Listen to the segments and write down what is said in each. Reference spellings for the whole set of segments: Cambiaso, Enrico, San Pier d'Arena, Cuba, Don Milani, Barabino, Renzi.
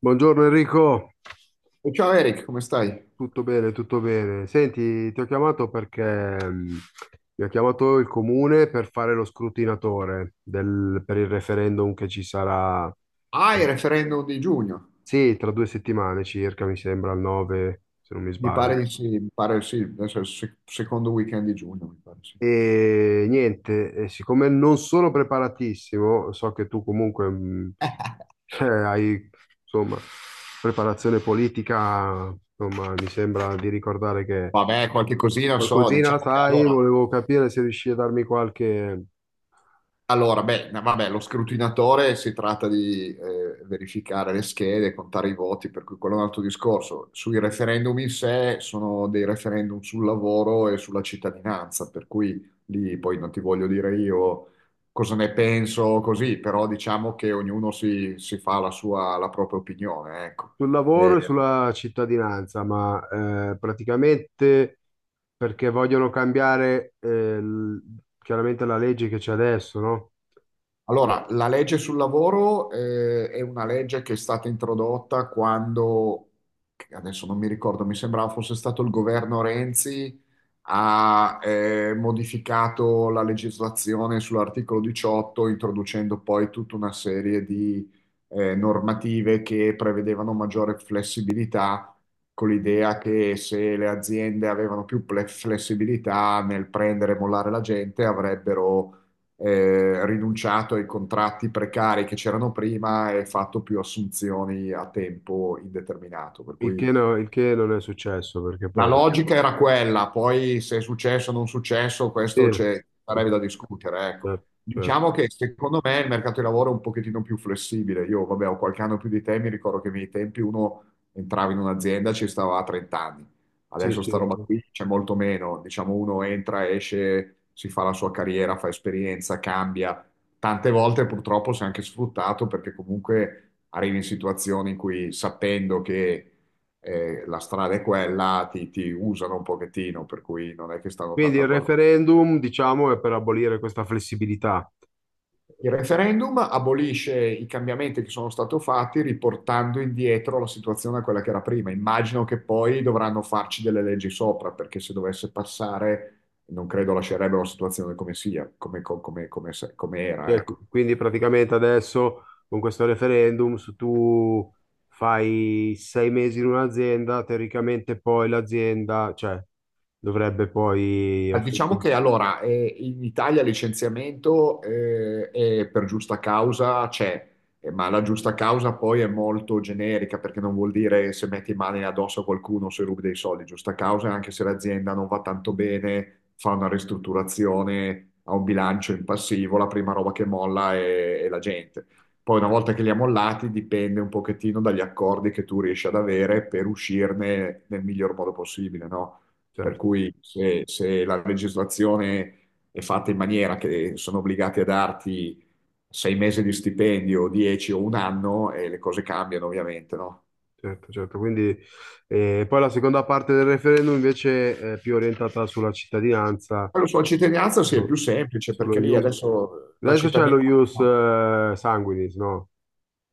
Buongiorno Enrico, E ciao Eric, come stai? tutto bene, tutto bene. Senti, ti ho chiamato perché mm, mi ha chiamato il comune per fare lo scrutinatore per il referendum che ci sarà, Ah, il referendum di giugno, sì, tra 2 settimane circa, mi sembra, al 9, se non mi mi pare sbaglio. di sì, mi pare sì, adesso è il secondo weekend di giugno, mi pare sì. E niente, e siccome non sono preparatissimo, so che tu comunque hai, insomma, preparazione politica, insomma, mi sembra di ricordare che. Vabbè, qualche cosina so, Qualcosina la diciamo che sai, allora, volevo capire se riesci a darmi qualche. allora, beh, no, vabbè, lo scrutinatore si tratta di verificare le schede, contare i voti, per cui quello è un altro discorso. Sui referendum in sé sono dei referendum sul lavoro e sulla cittadinanza, per cui lì poi non ti voglio dire io cosa ne penso così, però diciamo che ognuno si fa la sua, la propria opinione, ecco. Sul Eh, lavoro e sulla cittadinanza, ma praticamente perché vogliono cambiare chiaramente la legge che c'è adesso, no? allora, la legge sul lavoro è una legge che è stata introdotta quando, che adesso non mi ricordo, mi sembrava fosse stato il governo Renzi ha modificato la legislazione sull'articolo 18, introducendo poi tutta una serie di normative che prevedevano maggiore flessibilità, con l'idea che se le aziende avevano più flessibilità nel prendere e mollare la gente, avrebbero rinunciato ai contratti precari che c'erano prima e fatto più assunzioni a tempo indeterminato. Per Il cui che, no- il che non è successo, perché la poi. logica era quella, poi se è successo o non successo, Sì, questo c'è, sarebbe da discutere, ecco. cioè, Diciamo che secondo me il mercato di lavoro è un pochettino più flessibile. Io, vabbè, ho qualche anno più di te, mi ricordo che nei miei tempi uno entrava in un'azienda e ci stava a 30 anni. sì, Adesso sì. sta roba qui c'è molto meno. Diciamo, uno entra, esce, si fa la sua carriera, fa esperienza, cambia. Tante volte purtroppo si è anche sfruttato perché comunque arrivi in situazioni in cui sapendo che la strada è quella, ti usano un pochettino, per cui non è che stanno Quindi tanto a il guardare. referendum, diciamo, è per abolire questa flessibilità. Il referendum abolisce i cambiamenti che sono stati fatti riportando indietro la situazione a quella che era prima. Immagino che poi dovranno farci delle leggi sopra, perché se dovesse passare non credo lascerebbero la situazione come sia, come, come, come, come era, Cioè, ecco. quindi praticamente adesso con questo referendum, se tu fai 6 mesi in un'azienda, teoricamente poi l'azienda, cioè, dovrebbe poi Ah, offrire. diciamo che allora in Italia il licenziamento è per giusta causa c'è, ma la giusta causa poi è molto generica perché non vuol dire se metti mani addosso a qualcuno se rubi dei soldi. Giusta causa è anche se l'azienda non va tanto bene, fa una ristrutturazione, ha un bilancio in passivo, la prima roba che molla è la gente. Poi una volta che li ha mollati dipende un pochettino dagli accordi che tu riesci ad avere per uscirne nel miglior modo possibile, no? Per Certo, cui se la legislazione è fatta in maniera che sono obbligati a darti sei mesi di stipendio, dieci o un anno, e le cose cambiano ovviamente, no? certo, certo. Quindi, poi la seconda parte del referendum invece è più orientata sulla cittadinanza, Poi lo so, la cittadinanza sì, è più no? semplice Sullo perché lì iun- adesso la Adesso c'è lo cittadinanza, ius no. Sanguinis, no?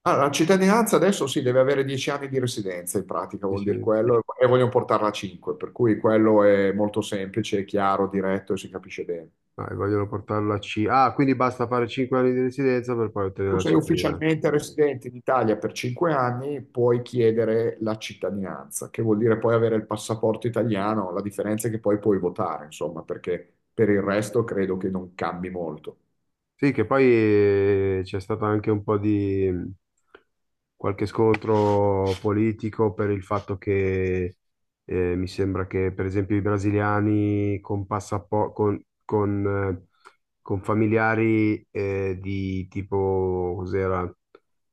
Ah, la cittadinanza adesso si deve avere dieci anni di residenza in pratica, vuol dire Dice, quello, e vogliono portarla a cinque, per cui quello è molto semplice, è chiaro, diretto e si capisce bene. ah, e vogliono portarlo a C. Ah, quindi basta fare 5 anni di residenza per poi ottenere Tu la sei cittadinanza. ufficialmente residente in Italia per cinque anni, puoi chiedere la cittadinanza, che vuol dire poi avere il passaporto italiano, la differenza è che poi puoi votare, insomma, perché per il resto credo che non cambi molto. Sì, che poi c'è stato anche un po' di qualche scontro politico per il fatto che mi sembra che, per esempio, i brasiliani con, passapo- con familiari di tipo, cos'era?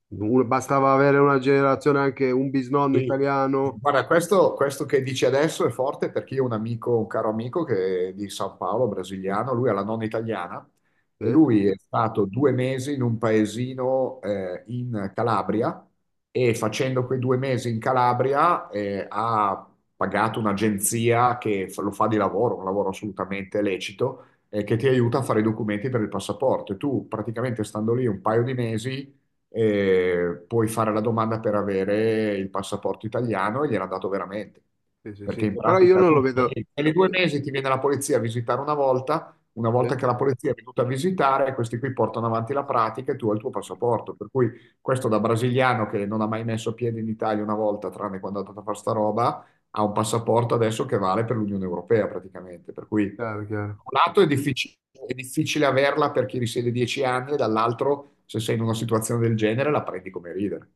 Bastava avere una generazione, anche un bisnonno Sì. italiano, Guarda, questo che dici adesso è forte perché io ho un amico, un caro amico che è di San Paolo, brasiliano, lui ha la nonna italiana e eh? lui è stato due mesi in un paesino in Calabria e facendo quei due mesi in Calabria ha pagato un'agenzia che lo fa di lavoro, un lavoro assolutamente lecito, che ti aiuta a fare i documenti per il passaporto. E tu praticamente stando lì un paio di mesi puoi fare la domanda per avere il passaporto italiano e gliel'ha dato veramente. Sì, sì, Perché sì. in Però io pratica non tu lo vedo. Ogni due mesi ti viene la polizia a visitare una Eh? volta che la polizia è venuta a visitare, questi qui portano avanti la pratica e tu hai il tuo passaporto. Per cui questo da brasiliano che non ha mai messo piede in Italia una volta, tranne quando è andato a fare sta roba, ha un passaporto adesso che vale per l'Unione Europea praticamente. Per cui Chiaro, chiaro. un lato è difficile averla per chi risiede dieci anni, e dall'altro, se sei in una situazione del genere, la prendi come ridere.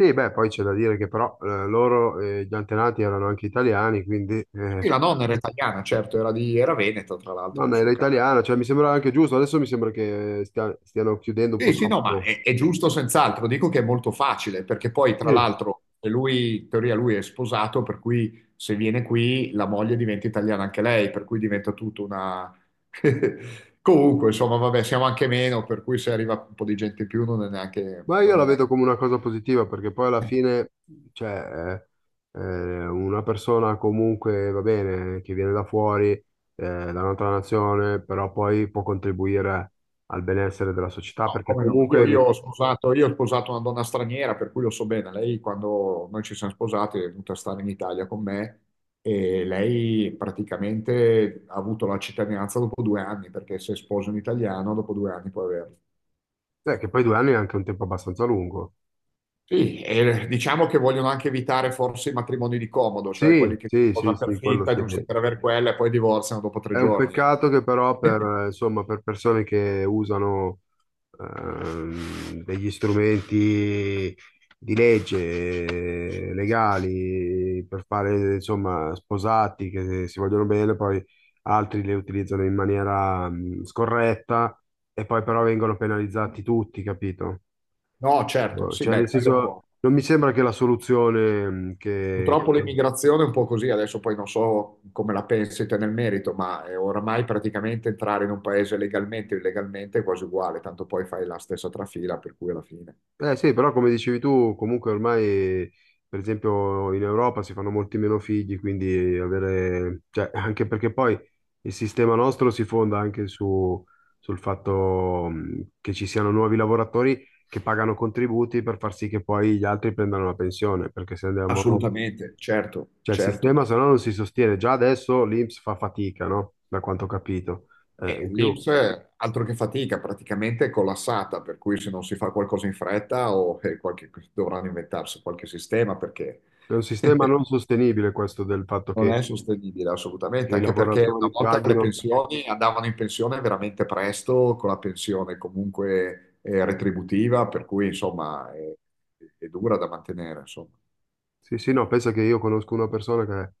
Sì, beh, poi c'è da dire che però loro, gli antenati erano anche italiani, quindi Sì, la nonna era italiana, certo, era di, era veneta, tra l'altro, nel nonna era suo caso. italiana, cioè mi sembra anche giusto, adesso mi sembra che stiano chiudendo un po' Sì, sì, no, ma troppo. è giusto senz'altro. Dico che è molto facile, perché poi, tra Sì. l'altro, lui, in teoria, lui è sposato, per cui se viene qui, la moglie diventa italiana anche lei, per cui diventa tutta una... Comunque, insomma, vabbè, siamo anche meno, per cui se arriva un po' di gente in più non è neanche... Ma io Non è la neanche vedo come una cosa positiva, perché poi alla fine, cioè, una persona comunque, va bene, che viene da fuori, da un'altra nazione, però poi può contribuire al benessere della società, no, perché come no? Io, io comunque, ho sposato, io ho sposato una donna straniera, per cui lo so bene. Lei, quando noi ci siamo sposati, è venuta a stare in Italia con me e lei praticamente ha avuto la cittadinanza dopo due anni, perché se sposi un italiano, dopo due anni puoi averla. Che poi 2 anni è anche un tempo abbastanza lungo. Sì, e diciamo che vogliono anche evitare forse i matrimoni di comodo, cioè quelli Sì, che si sì, sì, sposano per sì, quello finta, sì. giusto per avere quella, e poi divorziano dopo tre È un giorni. Peccato che però per insomma, per persone che usano degli strumenti di legge legali, per fare, insomma, sposati che si vogliono bene, poi altri le utilizzano in maniera scorretta e poi però vengono penalizzati tutti, capito? No, certo, sì, Cioè, beh, nel senso, quello non mi sembra che la soluzione che. purtroppo l'immigrazione è un po' così, adesso poi non so come la pensi te nel merito, ma è oramai praticamente entrare in un paese legalmente o illegalmente è quasi uguale, tanto poi fai la stessa trafila, per cui alla fine. Eh sì, però come dicevi tu, comunque ormai, per esempio, in Europa si fanno molti meno figli, quindi avere, cioè, anche perché poi il sistema nostro si fonda anche sul fatto che ci siano nuovi lavoratori che pagano contributi per far sì che poi gli altri prendano la pensione, perché se andiamo avanti, Assolutamente, certo, cioè il certo. sistema se no non si sostiene. Già adesso l'INPS fa fatica, no? Da quanto ho capito. E In più, l'INPS, altro che fatica, praticamente è collassata, per cui se non si fa qualcosa in fretta o dovranno inventarsi qualche sistema perché è un sistema non sostenibile questo del fatto non che è sostenibile assolutamente, che i anche perché una lavoratori volta le paghino. pensioni andavano in pensione veramente presto, con la pensione comunque retributiva, per cui insomma è dura da mantenere, insomma. Sì, sì, no, pensa che io conosco una persona che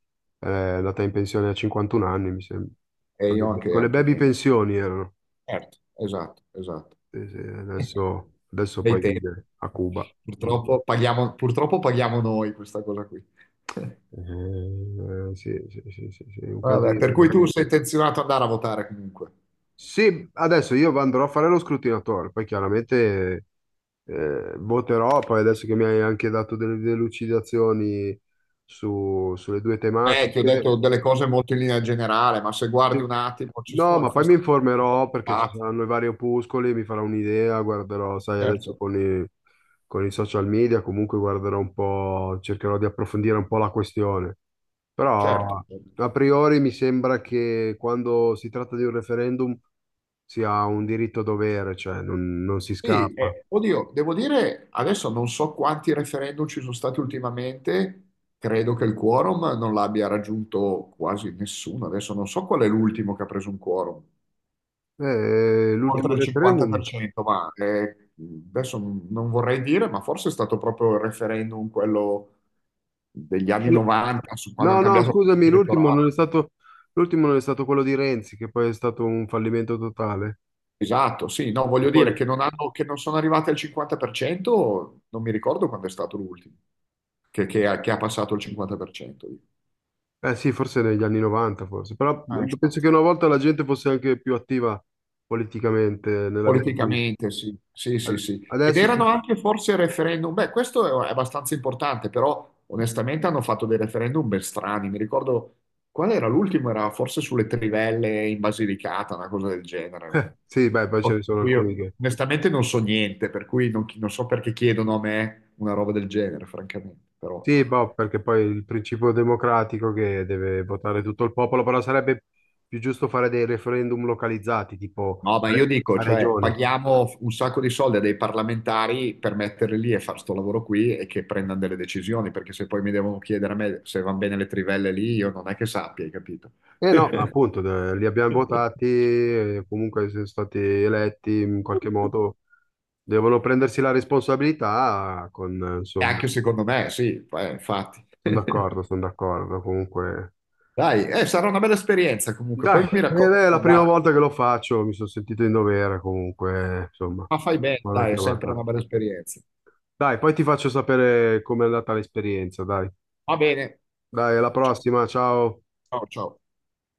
è andata in pensione a 51 anni, mi sembra. E Con io le, anche, con le anche baby meno. pensioni erano. Certo, esatto, esatto. Sì, sì, adesso Dei poi tempi. vive a Cuba. Quindi Purtroppo paghiamo noi questa cosa qui. Sì, sì, sì, sì, sì, è un Vabbè, per casino. cui tu sei intenzionato ad andare a votare comunque. Sì, adesso io andrò a fare lo scrutinatore, poi chiaramente voterò, poi adesso che mi hai anche dato delle delucidazioni sulle due Ti ho tematiche. detto delle cose molto in linea generale, ma se guardi un Sì. attimo, ci No, sono ma fa poi mi sta- informerò perché ci Ah, saranno i vari opuscoli, mi farò un'idea, guarderò, sai, adesso certo, con i social media, comunque guarderò un po', cercherò di approfondire un po' la questione. certo. Però a priori mi sembra che quando si tratta di un referendum sia un diritto-dovere, cioè non si Sì, scappa. Oddio, devo dire, adesso non so quanti referendum ci sono stati ultimamente, credo che il quorum non l'abbia raggiunto quasi nessuno, adesso non so qual è l'ultimo che ha preso un quorum, L'ultimo oltre il referendum. 50%, ma adesso non vorrei dire, ma forse è stato proprio il referendum quello degli anni 90, su quando No, hanno no, cambiato la scusami, legge l'ultimo elettorale. non è stato, l'ultimo non è stato quello di Renzi, che poi è stato un fallimento totale. Esatto, sì, no, E voglio poi. dire che non sono arrivati al 50%, non mi ricordo quando è stato l'ultimo, che ha passato il 50%. Eh sì, forse negli anni 90, forse, però Ah, penso che infatti. una volta la gente fosse anche più attiva politicamente nella vita politica. Politicamente, sì, sì, sì, sì. Ed Adesso erano sì. anche forse referendum, beh, questo è abbastanza importante, però onestamente hanno fatto dei referendum ben strani. Mi ricordo, qual era l'ultimo? Era forse sulle trivelle in Basilicata, una cosa del genere. Sì, beh, poi ce Cosa ne di sono cui alcuni io che. onestamente non so niente, per cui non, non so perché chiedono a me una roba del genere, francamente, però... Sì, no. boh, perché poi il principio democratico che deve votare tutto il popolo, però sarebbe più giusto fare dei referendum localizzati, tipo No, ma io dico, a cioè, regione. paghiamo un sacco di soldi a dei parlamentari per metterli lì e fare sto lavoro qui e che prendano delle decisioni, perché se poi mi devono chiedere a me se vanno bene le trivelle lì, io non è che sappia, hai capito? E no, appunto, li abbiamo votati, comunque sono stati eletti in qualche modo, devono prendersi la responsabilità con E insomma. anche secondo me, sì, infatti. Sono d'accordo, sono d'accordo. Comunque, Dai, sarà una bella esperienza comunque, dai, poi mi ed racconti è la come è prima andata. volta che lo faccio, mi sono sentito in dovere comunque, insomma, Ma fai bene, vado dai, anche è la sempre volta. una bella esperienza. Dai, poi ti faccio sapere com'è andata l'esperienza, dai. Va bene. Dai, alla Ciao, prossima, ciao. ciao. Ciao.